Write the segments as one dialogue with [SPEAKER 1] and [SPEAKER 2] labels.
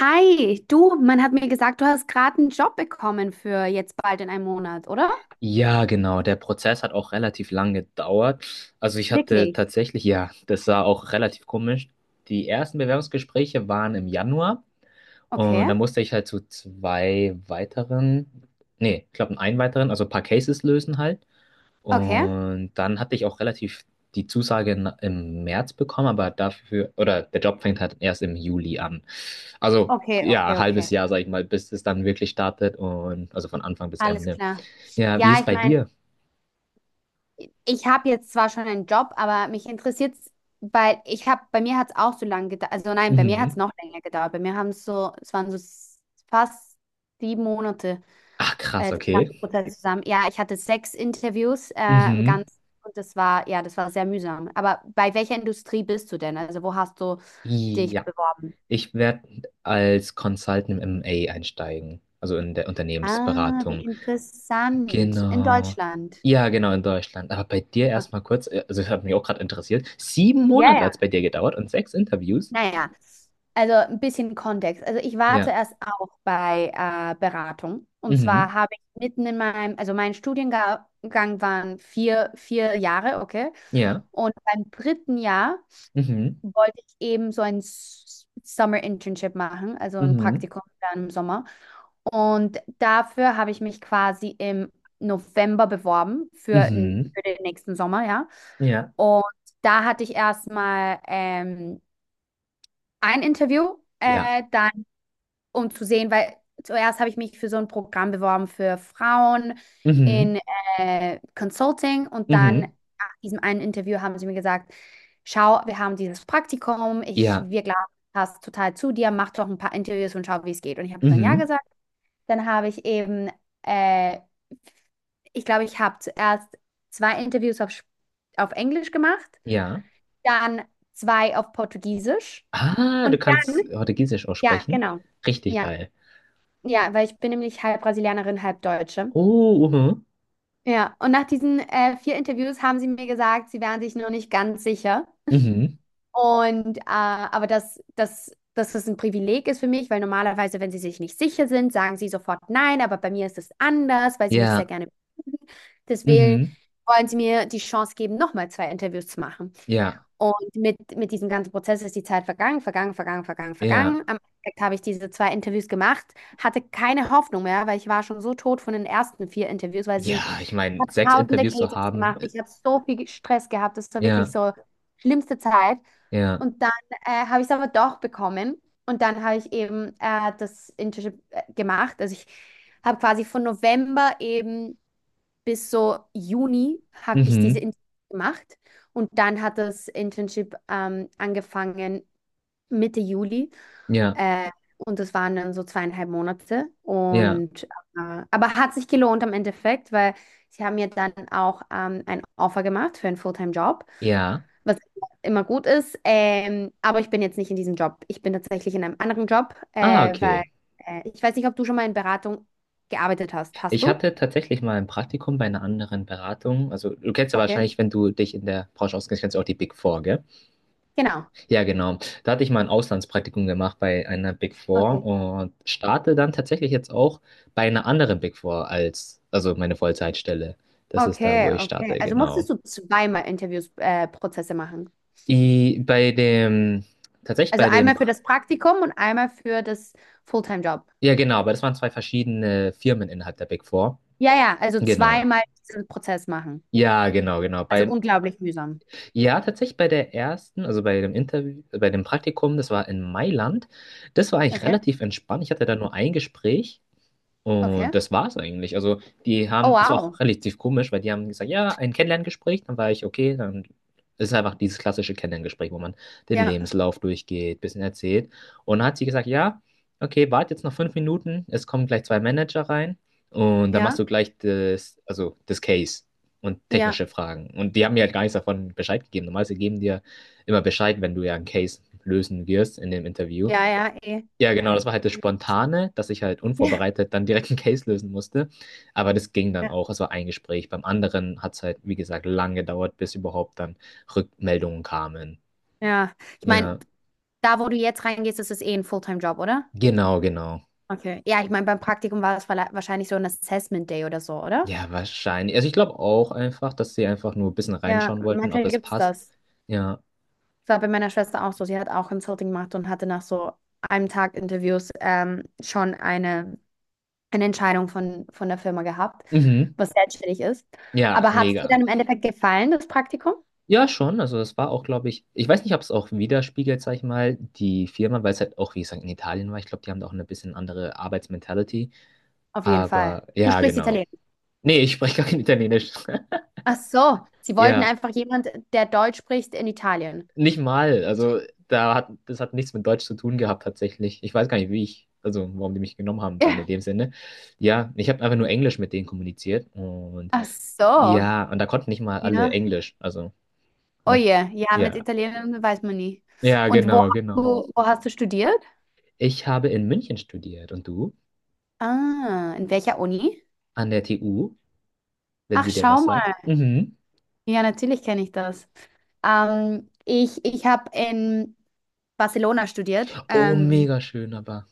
[SPEAKER 1] Hi, du, man hat mir gesagt, du hast gerade einen Job bekommen für jetzt bald in einem Monat, oder?
[SPEAKER 2] Ja, genau. Der Prozess hat auch relativ lang gedauert. Also ich hatte
[SPEAKER 1] Wirklich?
[SPEAKER 2] tatsächlich, ja, das war auch relativ komisch. Die ersten Bewerbungsgespräche waren im Januar und
[SPEAKER 1] Okay,
[SPEAKER 2] da musste ich halt zu zwei weiteren, nee, ich glaube einen weiteren, also ein paar Cases lösen halt.
[SPEAKER 1] okay,
[SPEAKER 2] Und dann hatte ich auch relativ die Zusage im März bekommen, aber dafür, oder der Job fängt halt erst im Juli an. Also
[SPEAKER 1] okay,
[SPEAKER 2] ja,
[SPEAKER 1] okay,
[SPEAKER 2] ein halbes
[SPEAKER 1] okay.
[SPEAKER 2] Jahr, sag ich mal, bis es dann wirklich startet und also von Anfang bis
[SPEAKER 1] Alles
[SPEAKER 2] Ende.
[SPEAKER 1] klar.
[SPEAKER 2] Ja, wie ist
[SPEAKER 1] Ja,
[SPEAKER 2] es
[SPEAKER 1] ich
[SPEAKER 2] bei
[SPEAKER 1] meine,
[SPEAKER 2] dir?
[SPEAKER 1] ich habe jetzt zwar schon einen Job, aber mich interessiert es, weil ich habe, bei mir hat es auch so lange gedauert, also nein, bei mir hat es
[SPEAKER 2] Mhm.
[SPEAKER 1] noch länger gedauert. Bei mir haben es so, es waren so fast sieben Monate.
[SPEAKER 2] Ach, krass,
[SPEAKER 1] Das
[SPEAKER 2] okay.
[SPEAKER 1] ganze Prozess zusammen. Ja, ich hatte sechs Interviews im
[SPEAKER 2] Mhm.
[SPEAKER 1] Ganzen und das war, ja, das war sehr mühsam. Aber bei welcher Industrie bist du denn? Also wo hast du dich
[SPEAKER 2] Ja,
[SPEAKER 1] beworben?
[SPEAKER 2] ich werde als Consultant im M&A einsteigen, also in der
[SPEAKER 1] Ah, wie
[SPEAKER 2] Unternehmensberatung.
[SPEAKER 1] interessant. In
[SPEAKER 2] Genau.
[SPEAKER 1] Deutschland.
[SPEAKER 2] Ja, genau, in Deutschland. Aber bei dir
[SPEAKER 1] Okay.
[SPEAKER 2] erstmal kurz, also das hat mich auch gerade interessiert. Sieben
[SPEAKER 1] Ja,
[SPEAKER 2] Monate hat es
[SPEAKER 1] ja.
[SPEAKER 2] bei dir gedauert und sechs Interviews.
[SPEAKER 1] Naja, also ein bisschen Kontext. Also ich war
[SPEAKER 2] Ja.
[SPEAKER 1] zuerst auch bei Beratung. Und
[SPEAKER 2] Mhm.
[SPEAKER 1] zwar habe ich mitten in meinem, also mein Studiengang waren vier Jahre, okay.
[SPEAKER 2] Ja.
[SPEAKER 1] Und beim dritten Jahr
[SPEAKER 2] Mhm.
[SPEAKER 1] wollte ich eben so ein Summer Internship machen, also ein
[SPEAKER 2] Mhm.
[SPEAKER 1] Praktikum dann im Sommer. Und dafür habe ich mich quasi im November beworben für, n-
[SPEAKER 2] Mhm.
[SPEAKER 1] für den nächsten Sommer, ja.
[SPEAKER 2] Ja.
[SPEAKER 1] Und da hatte ich erstmal ein Interview,
[SPEAKER 2] Ja.
[SPEAKER 1] dann um zu sehen, weil zuerst habe ich mich für so ein Programm beworben für Frauen
[SPEAKER 2] Mhm.
[SPEAKER 1] in Consulting und dann
[SPEAKER 2] Mhm.
[SPEAKER 1] nach diesem einen Interview haben sie mir gesagt, schau, wir haben dieses Praktikum,
[SPEAKER 2] Ja.
[SPEAKER 1] wir glauben, das passt total zu dir, mach doch ein paar Interviews und schau, wie es geht. Und ich habe dann ja
[SPEAKER 2] Mhm.
[SPEAKER 1] gesagt. Dann habe ich eben, äh, ich glaube, ich habe zuerst zwei Interviews auf Englisch gemacht,
[SPEAKER 2] Ja.
[SPEAKER 1] dann zwei auf Portugiesisch
[SPEAKER 2] Ah, du
[SPEAKER 1] und
[SPEAKER 2] kannst
[SPEAKER 1] dann,
[SPEAKER 2] Portugiesisch
[SPEAKER 1] ja,
[SPEAKER 2] aussprechen.
[SPEAKER 1] genau,
[SPEAKER 2] Richtig
[SPEAKER 1] ja.
[SPEAKER 2] geil.
[SPEAKER 1] Ja, weil ich bin nämlich halb Brasilianerin, halb Deutsche.
[SPEAKER 2] Oh, mhm.
[SPEAKER 1] Ja, und nach diesen vier Interviews haben sie mir gesagt, sie wären sich noch nicht ganz sicher.
[SPEAKER 2] Mhm.
[SPEAKER 1] Und aber dass das ein Privileg ist für mich, weil normalerweise, wenn sie sich nicht sicher sind, sagen sie sofort nein, aber bei mir ist es anders, weil sie mich sehr
[SPEAKER 2] Ja.
[SPEAKER 1] gerne mögen. Deswegen
[SPEAKER 2] Mhm.
[SPEAKER 1] wollen sie mir die Chance geben, nochmal zwei Interviews zu machen.
[SPEAKER 2] Ja.
[SPEAKER 1] Und mit diesem ganzen Prozess ist die Zeit vergangen, vergangen, vergangen, vergangen,
[SPEAKER 2] Ja.
[SPEAKER 1] vergangen. Am Endeffekt habe ich diese zwei Interviews gemacht, hatte keine Hoffnung mehr, weil ich war schon so tot von den ersten vier Interviews, ich
[SPEAKER 2] Ja, ich meine,
[SPEAKER 1] habe
[SPEAKER 2] sechs
[SPEAKER 1] tausende
[SPEAKER 2] Interviews zu
[SPEAKER 1] Cases
[SPEAKER 2] haben.
[SPEAKER 1] gemacht,
[SPEAKER 2] äh,
[SPEAKER 1] ich habe so viel Stress gehabt, das war wirklich
[SPEAKER 2] Ja.
[SPEAKER 1] so schlimmste Zeit.
[SPEAKER 2] Ja.
[SPEAKER 1] Und dann habe ich es aber doch bekommen und dann habe ich eben das Internship gemacht. Also ich habe quasi von November eben bis so Juni habe ich diese
[SPEAKER 2] Mhm.
[SPEAKER 1] Internship gemacht und dann hat das Internship angefangen Mitte Juli,
[SPEAKER 2] Ja.
[SPEAKER 1] äh, und das waren dann so zweieinhalb Monate
[SPEAKER 2] Ja.
[SPEAKER 1] und aber hat sich gelohnt am Endeffekt, weil sie haben mir dann auch ein Offer gemacht für einen Fulltime-Job,
[SPEAKER 2] Ja.
[SPEAKER 1] was immer gut ist. Aber ich bin jetzt nicht in diesem Job. Ich bin tatsächlich in einem anderen Job,
[SPEAKER 2] Ah,
[SPEAKER 1] weil
[SPEAKER 2] okay.
[SPEAKER 1] ich weiß nicht, ob du schon mal in Beratung gearbeitet hast. Hast
[SPEAKER 2] Ich
[SPEAKER 1] du?
[SPEAKER 2] hatte tatsächlich mal ein Praktikum bei einer anderen Beratung. Also, du kennst ja
[SPEAKER 1] Okay.
[SPEAKER 2] wahrscheinlich, wenn du dich in der Branche auskennst, kennst du auch die Big Four, gell?
[SPEAKER 1] Genau.
[SPEAKER 2] Ja, genau. Da hatte ich mal ein Auslandspraktikum gemacht bei einer Big Four
[SPEAKER 1] Okay.
[SPEAKER 2] und starte dann tatsächlich jetzt auch bei einer anderen Big Four als, also meine Vollzeitstelle. Das ist da, wo
[SPEAKER 1] Okay,
[SPEAKER 2] ich
[SPEAKER 1] okay.
[SPEAKER 2] starte,
[SPEAKER 1] Also
[SPEAKER 2] genau.
[SPEAKER 1] musstest du zweimal Interviews, Prozesse machen.
[SPEAKER 2] I, bei dem, tatsächlich
[SPEAKER 1] Also
[SPEAKER 2] bei dem,
[SPEAKER 1] einmal für
[SPEAKER 2] Pr-
[SPEAKER 1] das Praktikum und einmal für das Fulltime-Job.
[SPEAKER 2] ja genau, aber das waren zwei verschiedene Firmen innerhalb der Big Four.
[SPEAKER 1] Ja, ja, also
[SPEAKER 2] Genau.
[SPEAKER 1] zweimal diesen Prozess machen.
[SPEAKER 2] Ja, genau, genau.
[SPEAKER 1] Also
[SPEAKER 2] Bei,
[SPEAKER 1] unglaublich mühsam.
[SPEAKER 2] ja, tatsächlich bei der ersten, also bei dem Interview, bei dem Praktikum, das war in Mailand. Das war eigentlich
[SPEAKER 1] Okay,
[SPEAKER 2] relativ entspannt. Ich hatte da nur ein Gespräch.
[SPEAKER 1] okay.
[SPEAKER 2] Und das war's eigentlich. Also, die
[SPEAKER 1] Oh,
[SPEAKER 2] haben, das war auch
[SPEAKER 1] wow.
[SPEAKER 2] relativ komisch, weil die haben gesagt, ja, ein Kennenlerngespräch, dann war ich, okay, dann ist einfach dieses klassische Kennenlerngespräch, wo man den
[SPEAKER 1] Ja,
[SPEAKER 2] Lebenslauf durchgeht, bisschen erzählt. Und dann hat sie gesagt, ja, okay, warte jetzt noch 5 Minuten, es kommen gleich zwei Manager rein und dann machst
[SPEAKER 1] ja,
[SPEAKER 2] du gleich das, also das Case und
[SPEAKER 1] ja,
[SPEAKER 2] technische Fragen. Und die haben mir halt gar nichts davon Bescheid gegeben. Normalerweise geben die ja immer Bescheid, wenn du ja einen Case lösen wirst in dem Interview.
[SPEAKER 1] ja, ja, eh.
[SPEAKER 2] Ja, genau, das war halt das Spontane, dass ich halt
[SPEAKER 1] Ja,
[SPEAKER 2] unvorbereitet dann direkt einen Case lösen musste. Aber das ging dann
[SPEAKER 1] ja.
[SPEAKER 2] auch. Es war ein Gespräch. Beim anderen hat es halt, wie gesagt, lange gedauert, bis überhaupt dann Rückmeldungen kamen.
[SPEAKER 1] Ja. Ich meine,
[SPEAKER 2] Ja,
[SPEAKER 1] da, wo du jetzt reingehst, ist es eh ein Fulltime-Job, oder?
[SPEAKER 2] genau, genau.
[SPEAKER 1] Okay. Ja, ich meine, beim Praktikum war es wahrscheinlich so ein Assessment Day oder so, oder?
[SPEAKER 2] Ja, wahrscheinlich. Also ich glaube auch einfach, dass sie einfach nur ein bisschen
[SPEAKER 1] Ja,
[SPEAKER 2] reinschauen wollten, ob
[SPEAKER 1] manchmal
[SPEAKER 2] es
[SPEAKER 1] gibt es
[SPEAKER 2] passt.
[SPEAKER 1] das.
[SPEAKER 2] Ja.
[SPEAKER 1] Das war bei meiner Schwester auch so. Sie hat auch Consulting gemacht und hatte nach so einem Tag Interviews schon eine Entscheidung von der Firma gehabt,
[SPEAKER 2] Mhm.
[SPEAKER 1] was selbstständig ist.
[SPEAKER 2] Ja,
[SPEAKER 1] Aber hat es dir
[SPEAKER 2] mega.
[SPEAKER 1] dann im Endeffekt gefallen, das Praktikum?
[SPEAKER 2] Ja, schon. Also es war auch, glaube ich, ich weiß nicht, ob es auch widerspiegelt, sag ich mal, die Firma, weil es halt auch, wie gesagt, in Italien war. Ich glaube, die haben da auch eine bisschen andere Arbeitsmentality.
[SPEAKER 1] Auf jeden Fall.
[SPEAKER 2] Aber
[SPEAKER 1] Du
[SPEAKER 2] ja,
[SPEAKER 1] sprichst
[SPEAKER 2] genau.
[SPEAKER 1] Italienisch.
[SPEAKER 2] Nee, ich spreche gar kein Italienisch.
[SPEAKER 1] Ach so, sie wollten
[SPEAKER 2] Ja,
[SPEAKER 1] einfach jemand, der Deutsch spricht in Italien.
[SPEAKER 2] nicht mal. Also da hat das hat nichts mit Deutsch zu tun gehabt tatsächlich. Ich weiß gar nicht, wie ich, also warum die mich genommen haben dann in
[SPEAKER 1] Ja.
[SPEAKER 2] dem Sinne. Ja, ich habe einfach nur Englisch mit denen kommuniziert und
[SPEAKER 1] Ach so,
[SPEAKER 2] ja, und da konnten nicht mal alle
[SPEAKER 1] ja.
[SPEAKER 2] Englisch. Also,
[SPEAKER 1] Oh
[SPEAKER 2] ne?
[SPEAKER 1] je, ja, mit
[SPEAKER 2] Ja.
[SPEAKER 1] Italienisch weiß man nie.
[SPEAKER 2] Ja,
[SPEAKER 1] Und
[SPEAKER 2] genau, genau.
[SPEAKER 1] wo hast du studiert?
[SPEAKER 2] Ich habe in München studiert und du?
[SPEAKER 1] Ah, in welcher Uni?
[SPEAKER 2] An der TU, wenn
[SPEAKER 1] Ach,
[SPEAKER 2] die dir was
[SPEAKER 1] schau.
[SPEAKER 2] sagt. Mhm.
[SPEAKER 1] Ja, natürlich kenne ich das. Ich habe in Barcelona studiert.
[SPEAKER 2] Oh, mega schön, aber.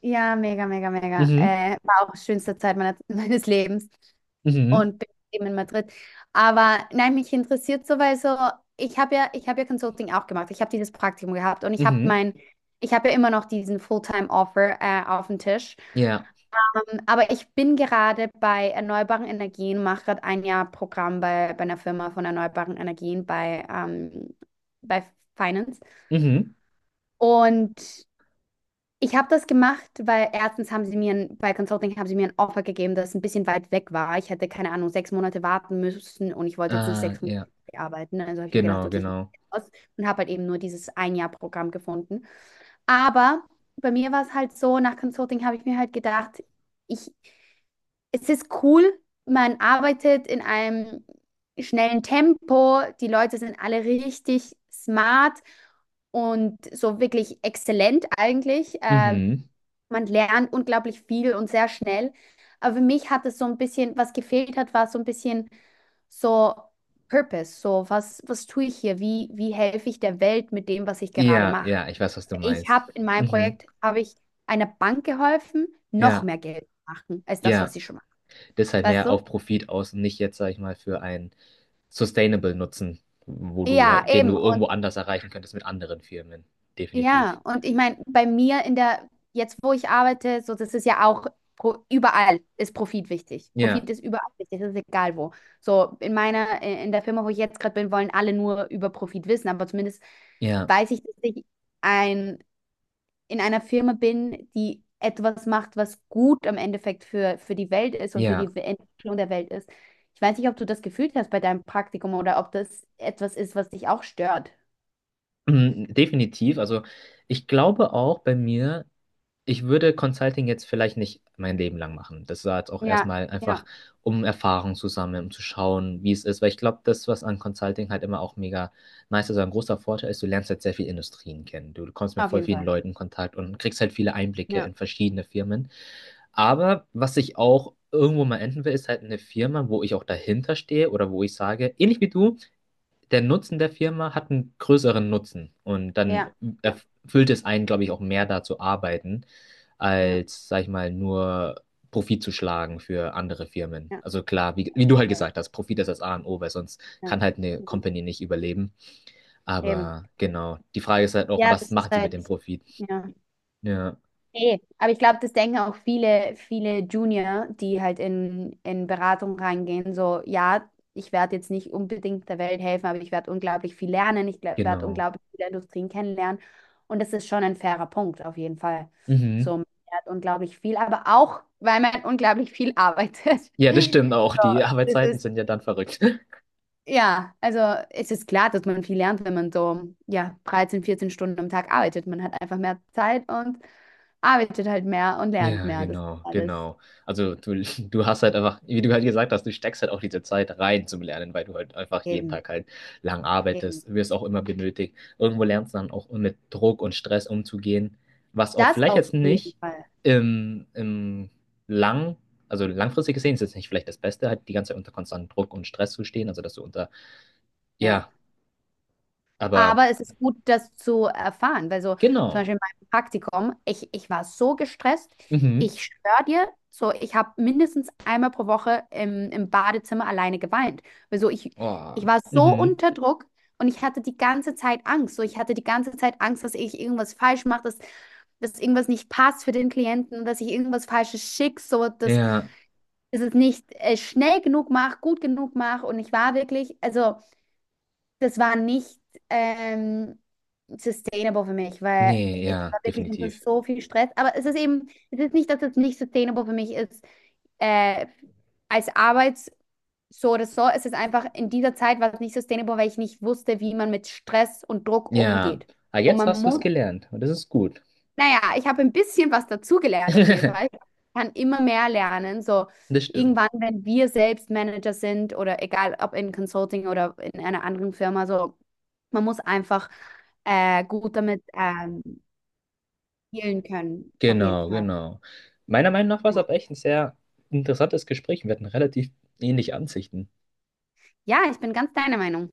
[SPEAKER 1] Ja, mega, mega, mega.
[SPEAKER 2] Mhm.
[SPEAKER 1] War auch schönste Zeit meiner, meines Lebens
[SPEAKER 2] Mhm.
[SPEAKER 1] und bin eben in Madrid. Aber nein, mich interessiert so, weil so, ich habe ja Consulting auch gemacht. Ich habe dieses Praktikum gehabt und
[SPEAKER 2] Mhm.
[SPEAKER 1] ich habe ja immer noch diesen Fulltime-Offer auf dem Tisch.
[SPEAKER 2] Ja.
[SPEAKER 1] Aber ich bin gerade bei erneuerbaren Energien, mache gerade ein Jahr Programm bei einer Firma von erneuerbaren Energien bei Finance.
[SPEAKER 2] Mhm.
[SPEAKER 1] Und ich habe das gemacht, weil erstens haben sie mir, ein, bei Consulting haben sie mir ein Offer gegeben, das ein bisschen weit weg war. Ich hätte, keine Ahnung, sechs Monate warten müssen und ich wollte jetzt nicht
[SPEAKER 2] Ah,
[SPEAKER 1] sechs Monate
[SPEAKER 2] ja.
[SPEAKER 1] arbeiten. Also habe ich mir gedacht,
[SPEAKER 2] Genau,
[SPEAKER 1] okay, ich mache
[SPEAKER 2] genau.
[SPEAKER 1] das aus und habe halt eben nur dieses Ein-Jahr-Programm gefunden. Aber bei mir war es halt so, nach Consulting habe ich mir halt gedacht, ich es ist cool, man arbeitet in einem schnellen Tempo, die Leute sind alle richtig smart und so wirklich exzellent eigentlich.
[SPEAKER 2] Mhm.
[SPEAKER 1] Man lernt unglaublich viel und sehr schnell. Aber für mich hat es so ein bisschen, was gefehlt hat, war so ein bisschen so Purpose, so was, was tue ich hier? Wie helfe ich der Welt mit dem, was ich gerade
[SPEAKER 2] Ja,
[SPEAKER 1] mache?
[SPEAKER 2] ja, ich weiß, was du
[SPEAKER 1] Ich
[SPEAKER 2] meinst.
[SPEAKER 1] habe in meinem
[SPEAKER 2] Mhm.
[SPEAKER 1] Projekt, habe ich einer Bank geholfen, noch
[SPEAKER 2] Ja,
[SPEAKER 1] mehr Geld zu machen als das, was
[SPEAKER 2] ja.
[SPEAKER 1] sie schon macht.
[SPEAKER 2] Das ist halt
[SPEAKER 1] Weißt
[SPEAKER 2] mehr
[SPEAKER 1] du?
[SPEAKER 2] auf Profit aus und nicht jetzt, sag ich mal, für einen Sustainable Nutzen, wo du
[SPEAKER 1] Ja,
[SPEAKER 2] halt, den
[SPEAKER 1] eben.
[SPEAKER 2] du irgendwo
[SPEAKER 1] Und
[SPEAKER 2] anders erreichen könntest mit anderen Firmen. Definitiv.
[SPEAKER 1] ja, und ich meine, bei mir in der, jetzt wo ich arbeite, so, das ist ja auch überall ist Profit wichtig.
[SPEAKER 2] Ja,
[SPEAKER 1] Profit ist überall wichtig, das ist egal wo. So, in der Firma, wo ich jetzt gerade bin, wollen alle nur über Profit wissen, aber zumindest
[SPEAKER 2] ja,
[SPEAKER 1] weiß ich, dass ich ein, in einer Firma bin, die etwas macht, was gut im Endeffekt für die Welt ist und für die
[SPEAKER 2] ja.
[SPEAKER 1] Entwicklung der Welt ist. Ich weiß nicht, ob du das gefühlt hast bei deinem Praktikum oder ob das etwas ist, was dich auch stört.
[SPEAKER 2] Mhm, definitiv. Also ich glaube auch bei mir. Ich würde Consulting jetzt vielleicht nicht mein Leben lang machen. Das war jetzt auch
[SPEAKER 1] Ja,
[SPEAKER 2] erstmal einfach,
[SPEAKER 1] ja.
[SPEAKER 2] um Erfahrung zu sammeln, um zu schauen, wie es ist. Weil ich glaube, das, was an Consulting halt immer auch mega nice ist, oder ein großer Vorteil ist, du lernst halt sehr viele Industrien kennen. Du kommst mit
[SPEAKER 1] Auf
[SPEAKER 2] voll
[SPEAKER 1] jeden
[SPEAKER 2] vielen
[SPEAKER 1] Fall.
[SPEAKER 2] Leuten in Kontakt und kriegst halt viele Einblicke
[SPEAKER 1] Ja,
[SPEAKER 2] in verschiedene Firmen. Aber was ich auch irgendwo mal enden will, ist halt eine Firma, wo ich auch dahinter stehe oder wo ich sage, ähnlich wie du, der Nutzen der Firma hat einen größeren Nutzen und dann
[SPEAKER 1] ja, ja,
[SPEAKER 2] erfüllt es einen, glaube ich, auch mehr da zu arbeiten,
[SPEAKER 1] ja,
[SPEAKER 2] als, sag ich mal, nur Profit zu schlagen für andere Firmen.
[SPEAKER 1] ja,
[SPEAKER 2] Also klar, wie,
[SPEAKER 1] auf
[SPEAKER 2] wie du
[SPEAKER 1] jeden
[SPEAKER 2] halt
[SPEAKER 1] Fall.
[SPEAKER 2] gesagt hast, Profit ist das A und O, weil sonst
[SPEAKER 1] Ja.
[SPEAKER 2] kann halt eine
[SPEAKER 1] Mhm.
[SPEAKER 2] Company nicht überleben.
[SPEAKER 1] Eben.
[SPEAKER 2] Aber genau, die Frage ist halt auch,
[SPEAKER 1] Ja,
[SPEAKER 2] was
[SPEAKER 1] das ist
[SPEAKER 2] macht sie mit
[SPEAKER 1] halt,
[SPEAKER 2] dem Profit?
[SPEAKER 1] ja.
[SPEAKER 2] Ja,
[SPEAKER 1] Nee, aber ich glaube, das denken auch viele, viele Junior, die halt in Beratung reingehen, so, ja, ich werde jetzt nicht unbedingt der Welt helfen, aber ich werde unglaublich viel lernen, ich werde
[SPEAKER 2] genau.
[SPEAKER 1] unglaublich viele Industrien kennenlernen. Und das ist schon ein fairer Punkt, auf jeden Fall. So,
[SPEAKER 2] Mhm.
[SPEAKER 1] man lernt unglaublich viel, aber auch, weil man unglaublich viel arbeitet.
[SPEAKER 2] Ja, das stimmt auch.
[SPEAKER 1] So,
[SPEAKER 2] Die
[SPEAKER 1] das
[SPEAKER 2] Arbeitszeiten
[SPEAKER 1] ist,
[SPEAKER 2] sind ja dann verrückt.
[SPEAKER 1] ja, also es ist klar, dass man viel lernt, wenn man so, ja, 13, 14 Stunden am Tag arbeitet. Man hat einfach mehr Zeit und arbeitet halt mehr und lernt
[SPEAKER 2] Ja,
[SPEAKER 1] mehr. Das ist
[SPEAKER 2] genau,
[SPEAKER 1] alles
[SPEAKER 2] genau. Also du, du hast halt einfach, wie du halt gesagt hast, du steckst halt auch diese Zeit rein zum Lernen, weil du halt einfach jeden
[SPEAKER 1] eben,
[SPEAKER 2] Tag halt lang
[SPEAKER 1] eben.
[SPEAKER 2] arbeitest, wirst auch immer benötigt. Irgendwo lernst du dann auch mit Druck und Stress umzugehen, was auch
[SPEAKER 1] Das
[SPEAKER 2] vielleicht
[SPEAKER 1] auf
[SPEAKER 2] jetzt
[SPEAKER 1] jeden
[SPEAKER 2] nicht
[SPEAKER 1] Fall.
[SPEAKER 2] im, im lang, also langfristig gesehen ist jetzt nicht vielleicht das Beste, halt die ganze Zeit unter konstantem Druck und Stress zu stehen, also dass du unter,
[SPEAKER 1] Ja.
[SPEAKER 2] ja, aber
[SPEAKER 1] Aber es ist gut, das zu erfahren, weil so zum
[SPEAKER 2] genau.
[SPEAKER 1] Beispiel in meinem Praktikum, ich war so gestresst,
[SPEAKER 2] Mhm.
[SPEAKER 1] ich schwör dir, so ich habe mindestens einmal pro Woche im Badezimmer alleine geweint. Weil so ich
[SPEAKER 2] Oh,
[SPEAKER 1] war so
[SPEAKER 2] mhm.
[SPEAKER 1] unter Druck und ich hatte die ganze Zeit Angst. So ich hatte die ganze Zeit Angst, dass ich irgendwas falsch mache, dass irgendwas nicht passt für den Klienten, dass ich irgendwas Falsches schicke, so dass,
[SPEAKER 2] Ja,
[SPEAKER 1] dass es nicht schnell genug mache, gut genug mache. Und ich war wirklich, also das war nicht ähm, sustainable für mich, weil
[SPEAKER 2] nee,
[SPEAKER 1] ich
[SPEAKER 2] ja,
[SPEAKER 1] war wirklich unter
[SPEAKER 2] definitiv.
[SPEAKER 1] so viel Stress. Aber es ist eben, es ist nicht, dass es nicht sustainable für mich ist, äh, als Arbeits so oder so. Es ist einfach, in dieser Zeit war es nicht sustainable, weil ich nicht wusste, wie man mit Stress und Druck
[SPEAKER 2] Ja,
[SPEAKER 1] umgeht.
[SPEAKER 2] aber
[SPEAKER 1] Und
[SPEAKER 2] jetzt
[SPEAKER 1] man
[SPEAKER 2] hast du es
[SPEAKER 1] muss
[SPEAKER 2] gelernt und das ist gut.
[SPEAKER 1] Naja, ich habe ein bisschen was dazugelernt auf jeden Fall. Ich kann immer mehr lernen. So
[SPEAKER 2] Das stimmt.
[SPEAKER 1] irgendwann, wenn wir selbst Manager sind oder egal ob in Consulting oder in einer anderen Firma, so man muss einfach gut damit dealen können, auf jeden
[SPEAKER 2] Genau,
[SPEAKER 1] Fall.
[SPEAKER 2] genau. Meiner Meinung nach war es aber echt ein sehr interessantes Gespräch. Wir hatten relativ ähnliche Ansichten.
[SPEAKER 1] Ja, ich bin ganz deiner Meinung.